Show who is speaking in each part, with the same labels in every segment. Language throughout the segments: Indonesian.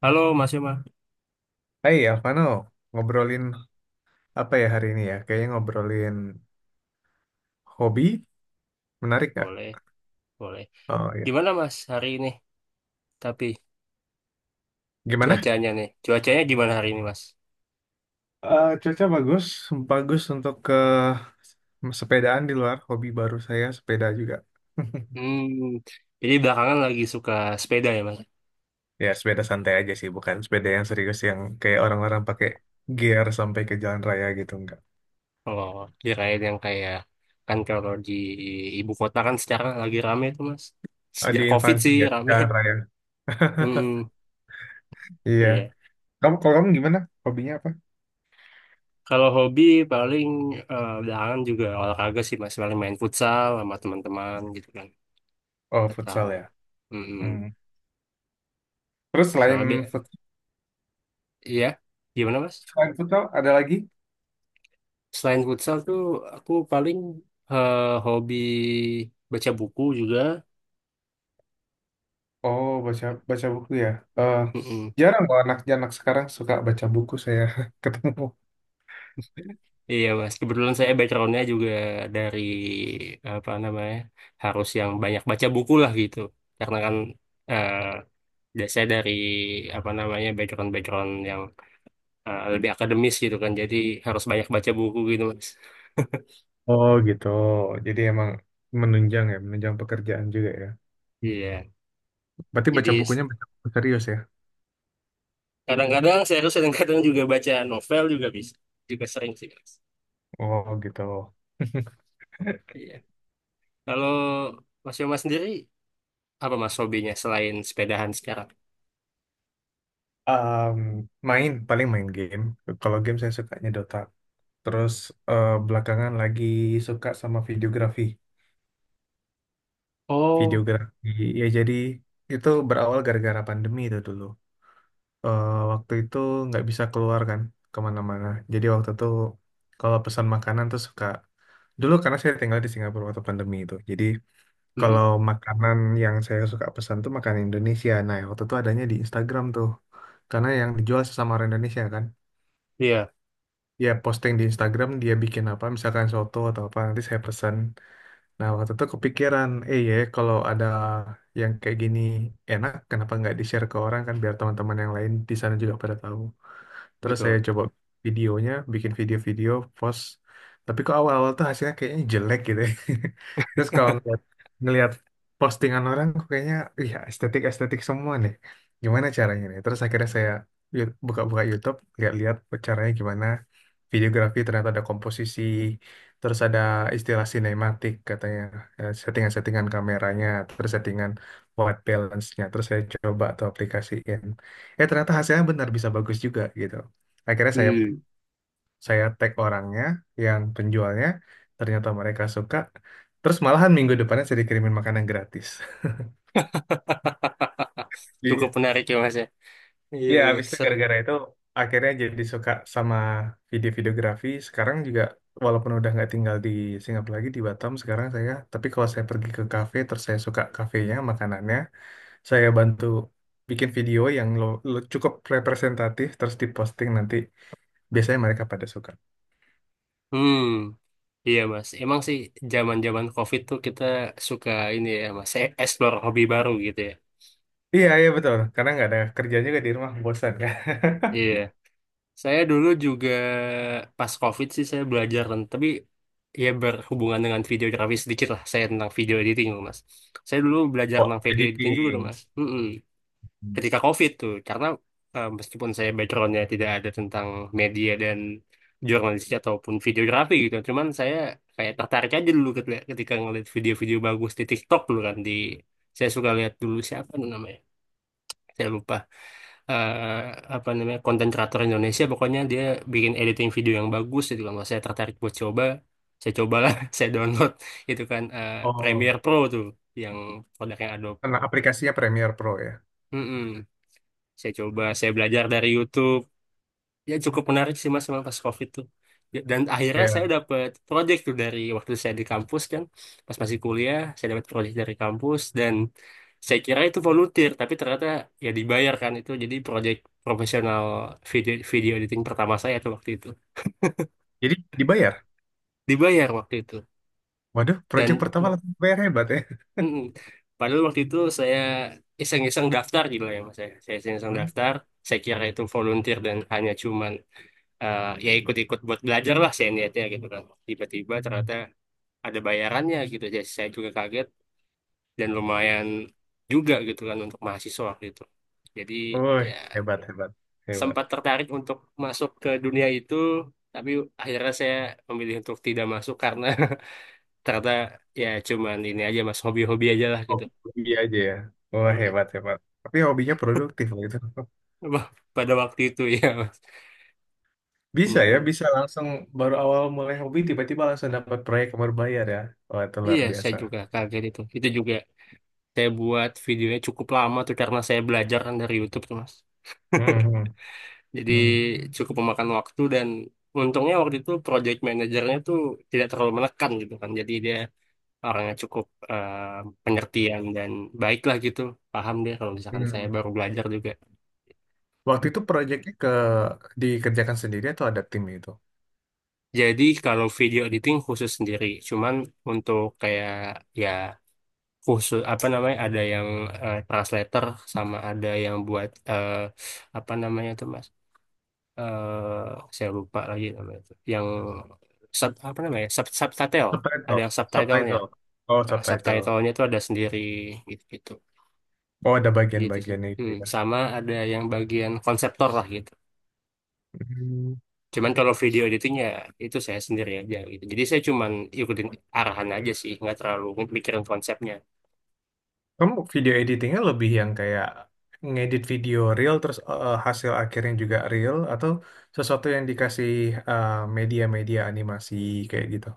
Speaker 1: Halo Mas Yoma,
Speaker 2: Hai Alvano, ngobrolin apa ya hari ini ya? Kayaknya ngobrolin hobi, menarik nggak?
Speaker 1: boleh, boleh.
Speaker 2: Oh iya.
Speaker 1: Gimana Mas hari ini? Tapi
Speaker 2: Gimana?
Speaker 1: cuacanya nih, cuacanya gimana hari ini Mas?
Speaker 2: Cuaca bagus, bagus untuk ke sepedaan di luar. Hobi baru saya sepeda juga.
Speaker 1: Hmm, jadi belakangan lagi suka sepeda ya Mas?
Speaker 2: Ya sepeda santai aja sih, bukan sepeda yang serius yang kayak orang-orang pakai gear sampai ke jalan raya gitu enggak.
Speaker 1: Oh, kirain yang kayak kan kalau di ibu kota kan sekarang lagi rame tuh Mas.
Speaker 2: Di
Speaker 1: Sejak COVID
Speaker 2: Infancy
Speaker 1: sih
Speaker 2: ya,
Speaker 1: rame.
Speaker 2: jalan raya.
Speaker 1: Hmm,
Speaker 2: Iya.
Speaker 1: iya.
Speaker 2: Kamu kalau kamu gimana? Hobinya apa?
Speaker 1: Kalau hobi paling belakangan juga olahraga sih Mas, paling main futsal sama teman-teman gitu kan.
Speaker 2: Oh futsal
Speaker 1: Atau,
Speaker 2: ya.
Speaker 1: hmm,
Speaker 2: Hmm. Terus
Speaker 1: sama bi-
Speaker 2: futsal,
Speaker 1: iya, gimana Mas?
Speaker 2: selain futsal ada lagi?
Speaker 1: Selain futsal tuh aku paling eh, hobi baca buku juga.
Speaker 2: Oh, baca baca buku ya. Eh,
Speaker 1: Mm-mm.
Speaker 2: jarang kok anak-anak sekarang suka baca buku saya ketemu.
Speaker 1: Iya mas, kebetulan saya backgroundnya juga dari apa namanya harus yang banyak baca buku lah gitu. Karena kan eh, saya dari apa namanya background background yang lebih akademis gitu kan, jadi harus banyak baca buku gitu mas.
Speaker 2: Oh gitu. Jadi emang menunjang ya, menunjang pekerjaan juga ya.
Speaker 1: Iya,
Speaker 2: Berarti baca
Speaker 1: jadi s-
Speaker 2: bukunya baca buku serius ya.
Speaker 1: kadang-kadang serius, kadang-kadang juga baca novel juga bisa, juga sering sih mas.
Speaker 2: Oh gitu.
Speaker 1: Iya. Kalau Mas Yoma sendiri apa mas hobinya selain sepedahan sekarang?
Speaker 2: Em, main paling main game. Kalau game saya sukanya Dota. Terus belakangan lagi suka sama videografi.
Speaker 1: Oh,
Speaker 2: Videografi ya jadi itu berawal gara-gara pandemi itu dulu. Waktu itu nggak bisa keluar kan kemana-mana. Jadi waktu itu kalau pesan makanan tuh suka dulu karena saya tinggal di Singapura waktu pandemi itu. Jadi
Speaker 1: hmm,
Speaker 2: kalau makanan yang saya suka pesan tuh makanan Indonesia. Nah waktu itu adanya di Instagram tuh karena yang dijual sesama orang Indonesia kan.
Speaker 1: iya
Speaker 2: Dia posting di Instagram dia bikin apa misalkan soto atau apa nanti saya pesan. Nah waktu itu kepikiran ya kalau ada yang kayak gini enak kenapa nggak di share ke orang kan biar teman-teman yang lain di sana juga pada tahu. Terus saya
Speaker 1: betul.
Speaker 2: coba videonya, bikin video-video, post. Tapi kok awal-awal tuh hasilnya kayaknya jelek gitu ya. Terus kalau ngeliat postingan orang, kok kayaknya, iya estetik-estetik semua nih. Gimana caranya nih? Terus akhirnya saya buka-buka YouTube, lihat-lihat caranya gimana. Videografi ternyata ada komposisi, terus ada istilah sinematik katanya, settingan-settingan kameranya, terus settingan white balance-nya. Terus saya coba tuh aplikasiin. Eh ternyata hasilnya benar bisa bagus juga gitu akhirnya saya
Speaker 1: Hmm.
Speaker 2: saya tag orangnya yang penjualnya ternyata mereka suka terus malahan minggu depannya saya dikirimin makanan gratis.
Speaker 1: Cukup
Speaker 2: Iya.
Speaker 1: menarik ya mas ya. Iya
Speaker 2: Ya,
Speaker 1: iya
Speaker 2: habis itu
Speaker 1: seru.
Speaker 2: gara-gara itu akhirnya jadi suka sama video-videografi. Sekarang juga walaupun udah nggak tinggal di Singapura lagi di Batam sekarang saya, tapi kalau saya pergi ke kafe terus saya suka kafenya, makanannya, saya bantu bikin video yang lo cukup representatif terus diposting nanti biasanya mereka pada suka.
Speaker 1: Hmm, iya mas. Emang sih zaman-zaman COVID tuh kita suka ini ya mas, explore hobi baru gitu ya.
Speaker 2: Iya, iya betul. Karena nggak ada kerja juga di rumah, bosan kan.
Speaker 1: Iya. Saya dulu juga pas COVID sih saya belajar tapi ya berhubungan dengan videografi sedikit lah. Saya tentang video editing loh mas. Saya dulu belajar
Speaker 2: Oh,
Speaker 1: tentang video editing juga tuh
Speaker 2: editing.
Speaker 1: mas. Hmm.
Speaker 2: Hmm.
Speaker 1: Ketika COVID tuh karena meskipun saya backgroundnya tidak ada tentang media dan jurnalistik ataupun videografi gitu cuman saya kayak tertarik aja dulu ketika ngeliat video-video bagus di TikTok dulu kan di saya suka lihat dulu siapa tuh namanya saya lupa. Eh, Apa namanya konten kreator Indonesia pokoknya dia bikin editing video yang bagus gitu kan. Wah, saya tertarik buat coba, saya cobalah saya download itu kan
Speaker 2: Oh,
Speaker 1: Premiere Pro tuh yang produknya Adobe.
Speaker 2: karena aplikasinya Premiere Pro ya.
Speaker 1: Mm-mm. Saya coba, saya belajar dari YouTube, ya cukup menarik sih mas memang pas COVID tuh. Ya, dan akhirnya saya
Speaker 2: Ya.
Speaker 1: dapat proyek tuh dari waktu saya di kampus kan pas masih kuliah saya dapat proyek dari kampus dan saya kira itu volunteer tapi ternyata ya dibayar kan itu jadi proyek profesional video video editing pertama saya tuh waktu itu
Speaker 2: Jadi dibayar.
Speaker 1: dibayar waktu itu
Speaker 2: Waduh, project
Speaker 1: dan
Speaker 2: pertama
Speaker 1: no-
Speaker 2: langsung dibayar hebat ya.
Speaker 1: mm-mm. Padahal waktu itu saya iseng-iseng daftar gitu lah ya mas ya saya iseng-iseng
Speaker 2: Hmm?
Speaker 1: daftar saya kira itu volunteer dan hanya cuman ya ikut-ikut buat belajar lah saya niatnya gitu kan. Tiba-tiba
Speaker 2: Hmm.
Speaker 1: ternyata ada bayarannya gitu. Jadi saya juga kaget dan lumayan juga gitu kan untuk mahasiswa gitu. Jadi
Speaker 2: Woi,
Speaker 1: ya
Speaker 2: hebat, hebat, hebat.
Speaker 1: sempat tertarik untuk masuk ke dunia itu, tapi akhirnya saya memilih untuk tidak masuk karena ternyata ya cuman ini aja mas hobi-hobi aja lah gitu.
Speaker 2: Hobi hobi aja ya. Wah,
Speaker 1: Mm-mm.
Speaker 2: hebat, hebat. Tapi hobinya produktif loh itu.
Speaker 1: Wah, pada waktu itu ya. Mas.
Speaker 2: Bisa ya,
Speaker 1: Mm-mm.
Speaker 2: bisa langsung baru awal mulai hobi tiba-tiba langsung dapat proyek yang berbayar ya. Wah, itu luar
Speaker 1: Iya, saya
Speaker 2: biasa.
Speaker 1: juga kaget itu. Itu juga saya buat videonya cukup lama tuh karena saya belajar kan dari YouTube tuh, Mas.
Speaker 2: Hmm.
Speaker 1: Jadi
Speaker 2: Hmm.
Speaker 1: cukup memakan waktu dan untungnya waktu itu project manajernya tuh tidak terlalu menekan gitu kan. Jadi dia orangnya cukup eh, pengertian dan baik lah gitu. Paham dia kalau misalkan saya
Speaker 2: Hmm.
Speaker 1: baru belajar juga.
Speaker 2: Waktu itu proyeknya dikerjakan sendiri atau ada tim itu?
Speaker 1: Jadi kalau video editing khusus sendiri, cuman untuk kayak ya khusus apa namanya ada yang translator sama ada yang buat apa namanya tuh Mas eh saya lupa lagi namanya itu. Yang sub, apa namanya? Sub, subtitle. Ada
Speaker 2: Subtitle.
Speaker 1: yang subtitlenya.
Speaker 2: Subtitle. Oh,
Speaker 1: Nah,
Speaker 2: subtitle.
Speaker 1: subtitlenya itu ada sendiri gitu gitu.
Speaker 2: Oh, ada
Speaker 1: Gitu sih.
Speaker 2: bagian-bagiannya gitu
Speaker 1: Hmm,
Speaker 2: ya.
Speaker 1: sama ada yang bagian konseptor lah gitu.
Speaker 2: Hmm.
Speaker 1: Cuman kalau video editingnya itu saya sendiri aja gitu. Jadi saya cuman ikutin arahan aja sih, nggak terlalu mikirin konsepnya.
Speaker 2: Kamu video editingnya lebih yang kayak ngedit video real terus hasil akhirnya juga real atau sesuatu yang dikasih eh, media-media animasi kayak gitu?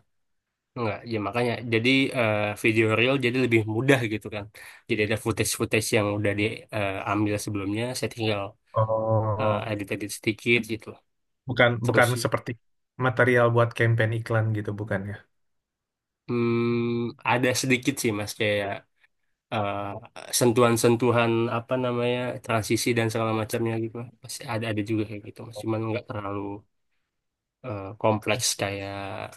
Speaker 1: Nggak ya makanya jadi eh, video reel jadi lebih mudah gitu kan. Jadi ada footage-footage yang udah diambil sebelumnya, saya tinggal
Speaker 2: Oh,
Speaker 1: edit-edit sedikit gitu.
Speaker 2: bukan
Speaker 1: Terus
Speaker 2: bukan
Speaker 1: sih
Speaker 2: seperti material buat campaign iklan gitu bukan ya?
Speaker 1: hmm, ada sedikit sih mas kayak eh, sentuhan-sentuhan apa namanya transisi dan segala macamnya gitu pasti ada juga kayak gitu mas cuman nggak terlalu kompleks kayak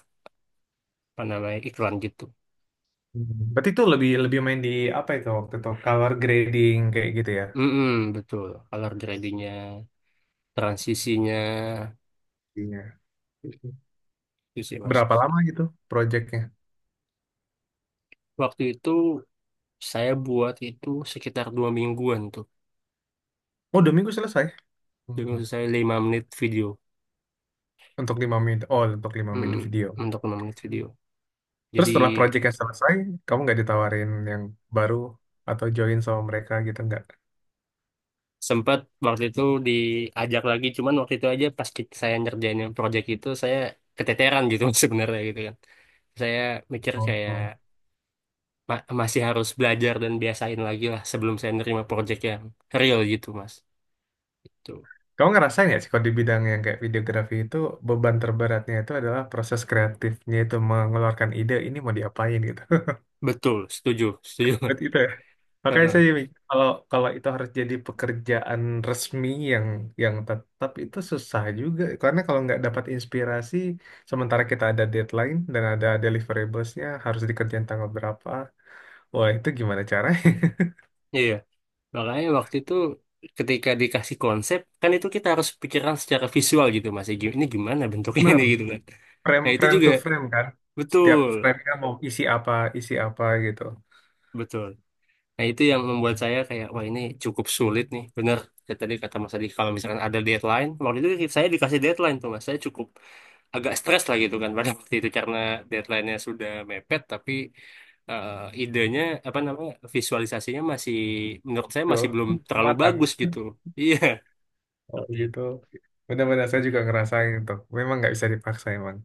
Speaker 1: apa namanya iklan gitu.
Speaker 2: Hmm. Berarti itu lebih lebih main di apa itu waktu itu color grading kayak gitu ya?
Speaker 1: Mm-mm, betul color gradingnya transisinya.
Speaker 2: Iya.
Speaker 1: Mm-mm. Itu sih mas
Speaker 2: Berapa lama gitu proyeknya?
Speaker 1: waktu itu saya buat itu sekitar 2 mingguan tuh
Speaker 2: Oh, dua minggu selesai.
Speaker 1: jadi
Speaker 2: Hmm.
Speaker 1: maksud saya 5 menit video.
Speaker 2: Untuk lima menit. Oh, untuk lima menit
Speaker 1: Mm-mm,
Speaker 2: video.
Speaker 1: untuk 5 menit video
Speaker 2: Terus
Speaker 1: jadi
Speaker 2: setelah proyeknya selesai, kamu nggak ditawarin yang baru atau join sama mereka gitu nggak?
Speaker 1: sempat waktu itu diajak lagi cuman waktu itu aja saya ngerjain yang project itu saya keteteran gitu sebenarnya gitu kan saya mikir
Speaker 2: Oh.
Speaker 1: kayak
Speaker 2: oh.
Speaker 1: masih harus belajar dan biasain lagi lah sebelum saya nerima project yang real gitu mas itu.
Speaker 2: Kamu ngerasain nggak sih kalau di bidang yang kayak videografi itu beban terberatnya itu adalah proses kreatifnya itu mengeluarkan ide ini mau diapain gitu.
Speaker 1: Betul setuju setuju.
Speaker 2: Berarti itu. Makanya
Speaker 1: Heeh.
Speaker 2: saya mikir, kalau kalau itu harus jadi pekerjaan resmi yang yang tetap itu susah juga karena kalau nggak dapat inspirasi sementara kita ada deadline dan ada deliverablesnya harus dikerjain tanggal berapa wah itu gimana caranya.
Speaker 1: Iya makanya waktu itu ketika dikasih konsep kan itu kita harus pikiran secara visual gitu mas ini gimana bentuknya
Speaker 2: Benar,
Speaker 1: ini gitu kan
Speaker 2: frame
Speaker 1: nah itu
Speaker 2: frame to
Speaker 1: juga
Speaker 2: frame kan
Speaker 1: betul
Speaker 2: setiap framenya mau isi apa gitu
Speaker 1: betul. Nah, itu yang membuat saya kayak, wah ini cukup sulit nih. Bener, kayak tadi kata Mas Adi, kalau misalkan ada deadline, waktu itu saya dikasih deadline tuh Mas, saya cukup agak stres lah gitu kan pada waktu itu karena deadline-nya sudah mepet, tapi eh, idenya, apa namanya, visualisasinya masih, menurut saya
Speaker 2: tuh.
Speaker 1: masih belum terlalu
Speaker 2: Matang
Speaker 1: bagus gitu. Iya,
Speaker 2: oh
Speaker 1: seperti itu.
Speaker 2: gitu. Benar-benar saya juga ngerasain tuh memang nggak bisa dipaksa emang.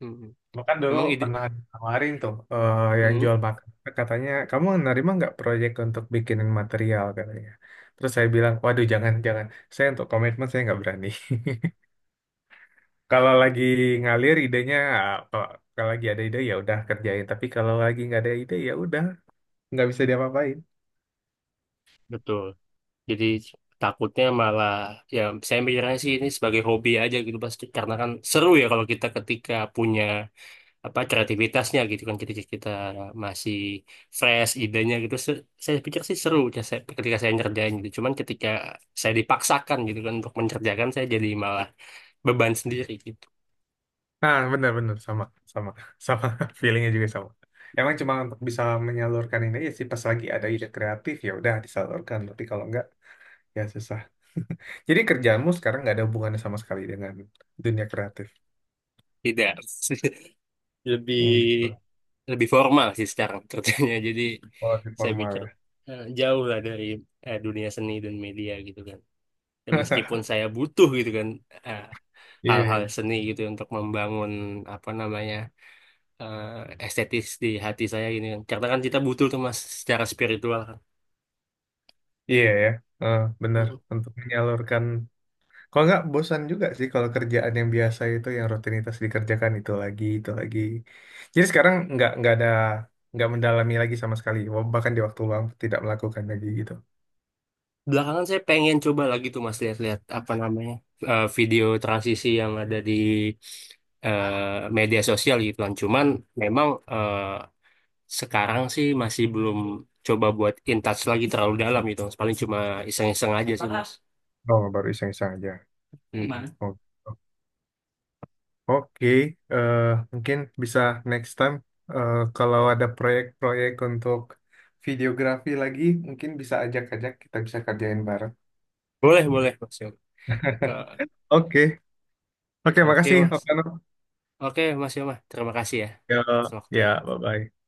Speaker 1: Mm.
Speaker 2: Makan dulu
Speaker 1: Memang ide,
Speaker 2: pernah tawarin tuh yang
Speaker 1: mm,
Speaker 2: jual makan. Katanya, kamu nerima nggak proyek untuk bikinin material katanya. Terus saya bilang, waduh jangan, jangan. Saya untuk komitmen saya nggak berani. Kalau lagi ngalir idenya, ah, kalau, kalau lagi ada ide ya udah kerjain. Tapi kalau lagi nggak ada ide ya udah nggak bisa diapa-apain.
Speaker 1: betul. Jadi takutnya malah ya saya mikirnya sih ini sebagai hobi aja gitu Mas karena kan seru ya kalau kita ketika punya apa kreativitasnya gitu kan ketika kita masih fresh idenya gitu. Saya pikir sih seru ya, ketika saya ngerjain gitu cuman ketika saya dipaksakan gitu kan untuk mengerjakan saya jadi malah beban sendiri gitu.
Speaker 2: Nah benar-benar sama, sama, sama. Feelingnya juga sama. Emang cuma untuk bisa menyalurkan ini aja sih pas lagi ada ide kreatif ya udah disalurkan. Tapi kalau nggak ya susah. Jadi kerjaanmu sekarang nggak ada hubungannya sama sekali dengan dunia kreatif.
Speaker 1: Tidak.
Speaker 2: Hmm, gitu.
Speaker 1: Lebih lebih formal sih sekarang kerjanya. Jadi
Speaker 2: Kalau di
Speaker 1: saya
Speaker 2: formal
Speaker 1: pikir
Speaker 2: ya.
Speaker 1: jauh lah dari dunia seni dan media gitu kan dan meskipun saya butuh gitu kan eh,
Speaker 2: Iya,
Speaker 1: hal-hal
Speaker 2: iya,
Speaker 1: seni gitu untuk membangun apa namanya eh, estetis di hati saya ini, kan. Karena kan kita butuh tuh mas secara spiritual kan.
Speaker 2: Iya, ya. Eh, benar.
Speaker 1: Mm.
Speaker 2: Untuk menyalurkan. Kalau nggak bosan juga sih kalau kerjaan yang biasa itu, yang rutinitas dikerjakan itu lagi, itu lagi. Jadi sekarang nggak mendalami lagi sama sekali. Bahkan di waktu luang tidak melakukan lagi gitu.
Speaker 1: Belakangan saya pengen coba lagi tuh mas lihat-lihat apa namanya video transisi yang ada di media sosial gitu kan. Cuman memang sekarang sih masih belum coba buat in touch lagi terlalu dalam gitu mas. Paling cuma iseng-iseng aja sih mas.
Speaker 2: Oh, baru iseng-iseng aja.
Speaker 1: Mm.
Speaker 2: Oh. Oke, eh, mungkin bisa next time kalau ada proyek-proyek untuk videografi lagi, mungkin bisa ajak-ajak kita bisa kerjain bareng.
Speaker 1: Boleh boleh mas Yoma. Eh,
Speaker 2: Oke, Oke,
Speaker 1: oke
Speaker 2: makasih,
Speaker 1: mas.
Speaker 2: Okano.
Speaker 1: Oke mas Yoma. Terima kasih ya
Speaker 2: Ya,
Speaker 1: atas
Speaker 2: ya,
Speaker 1: waktunya.
Speaker 2: bye-bye.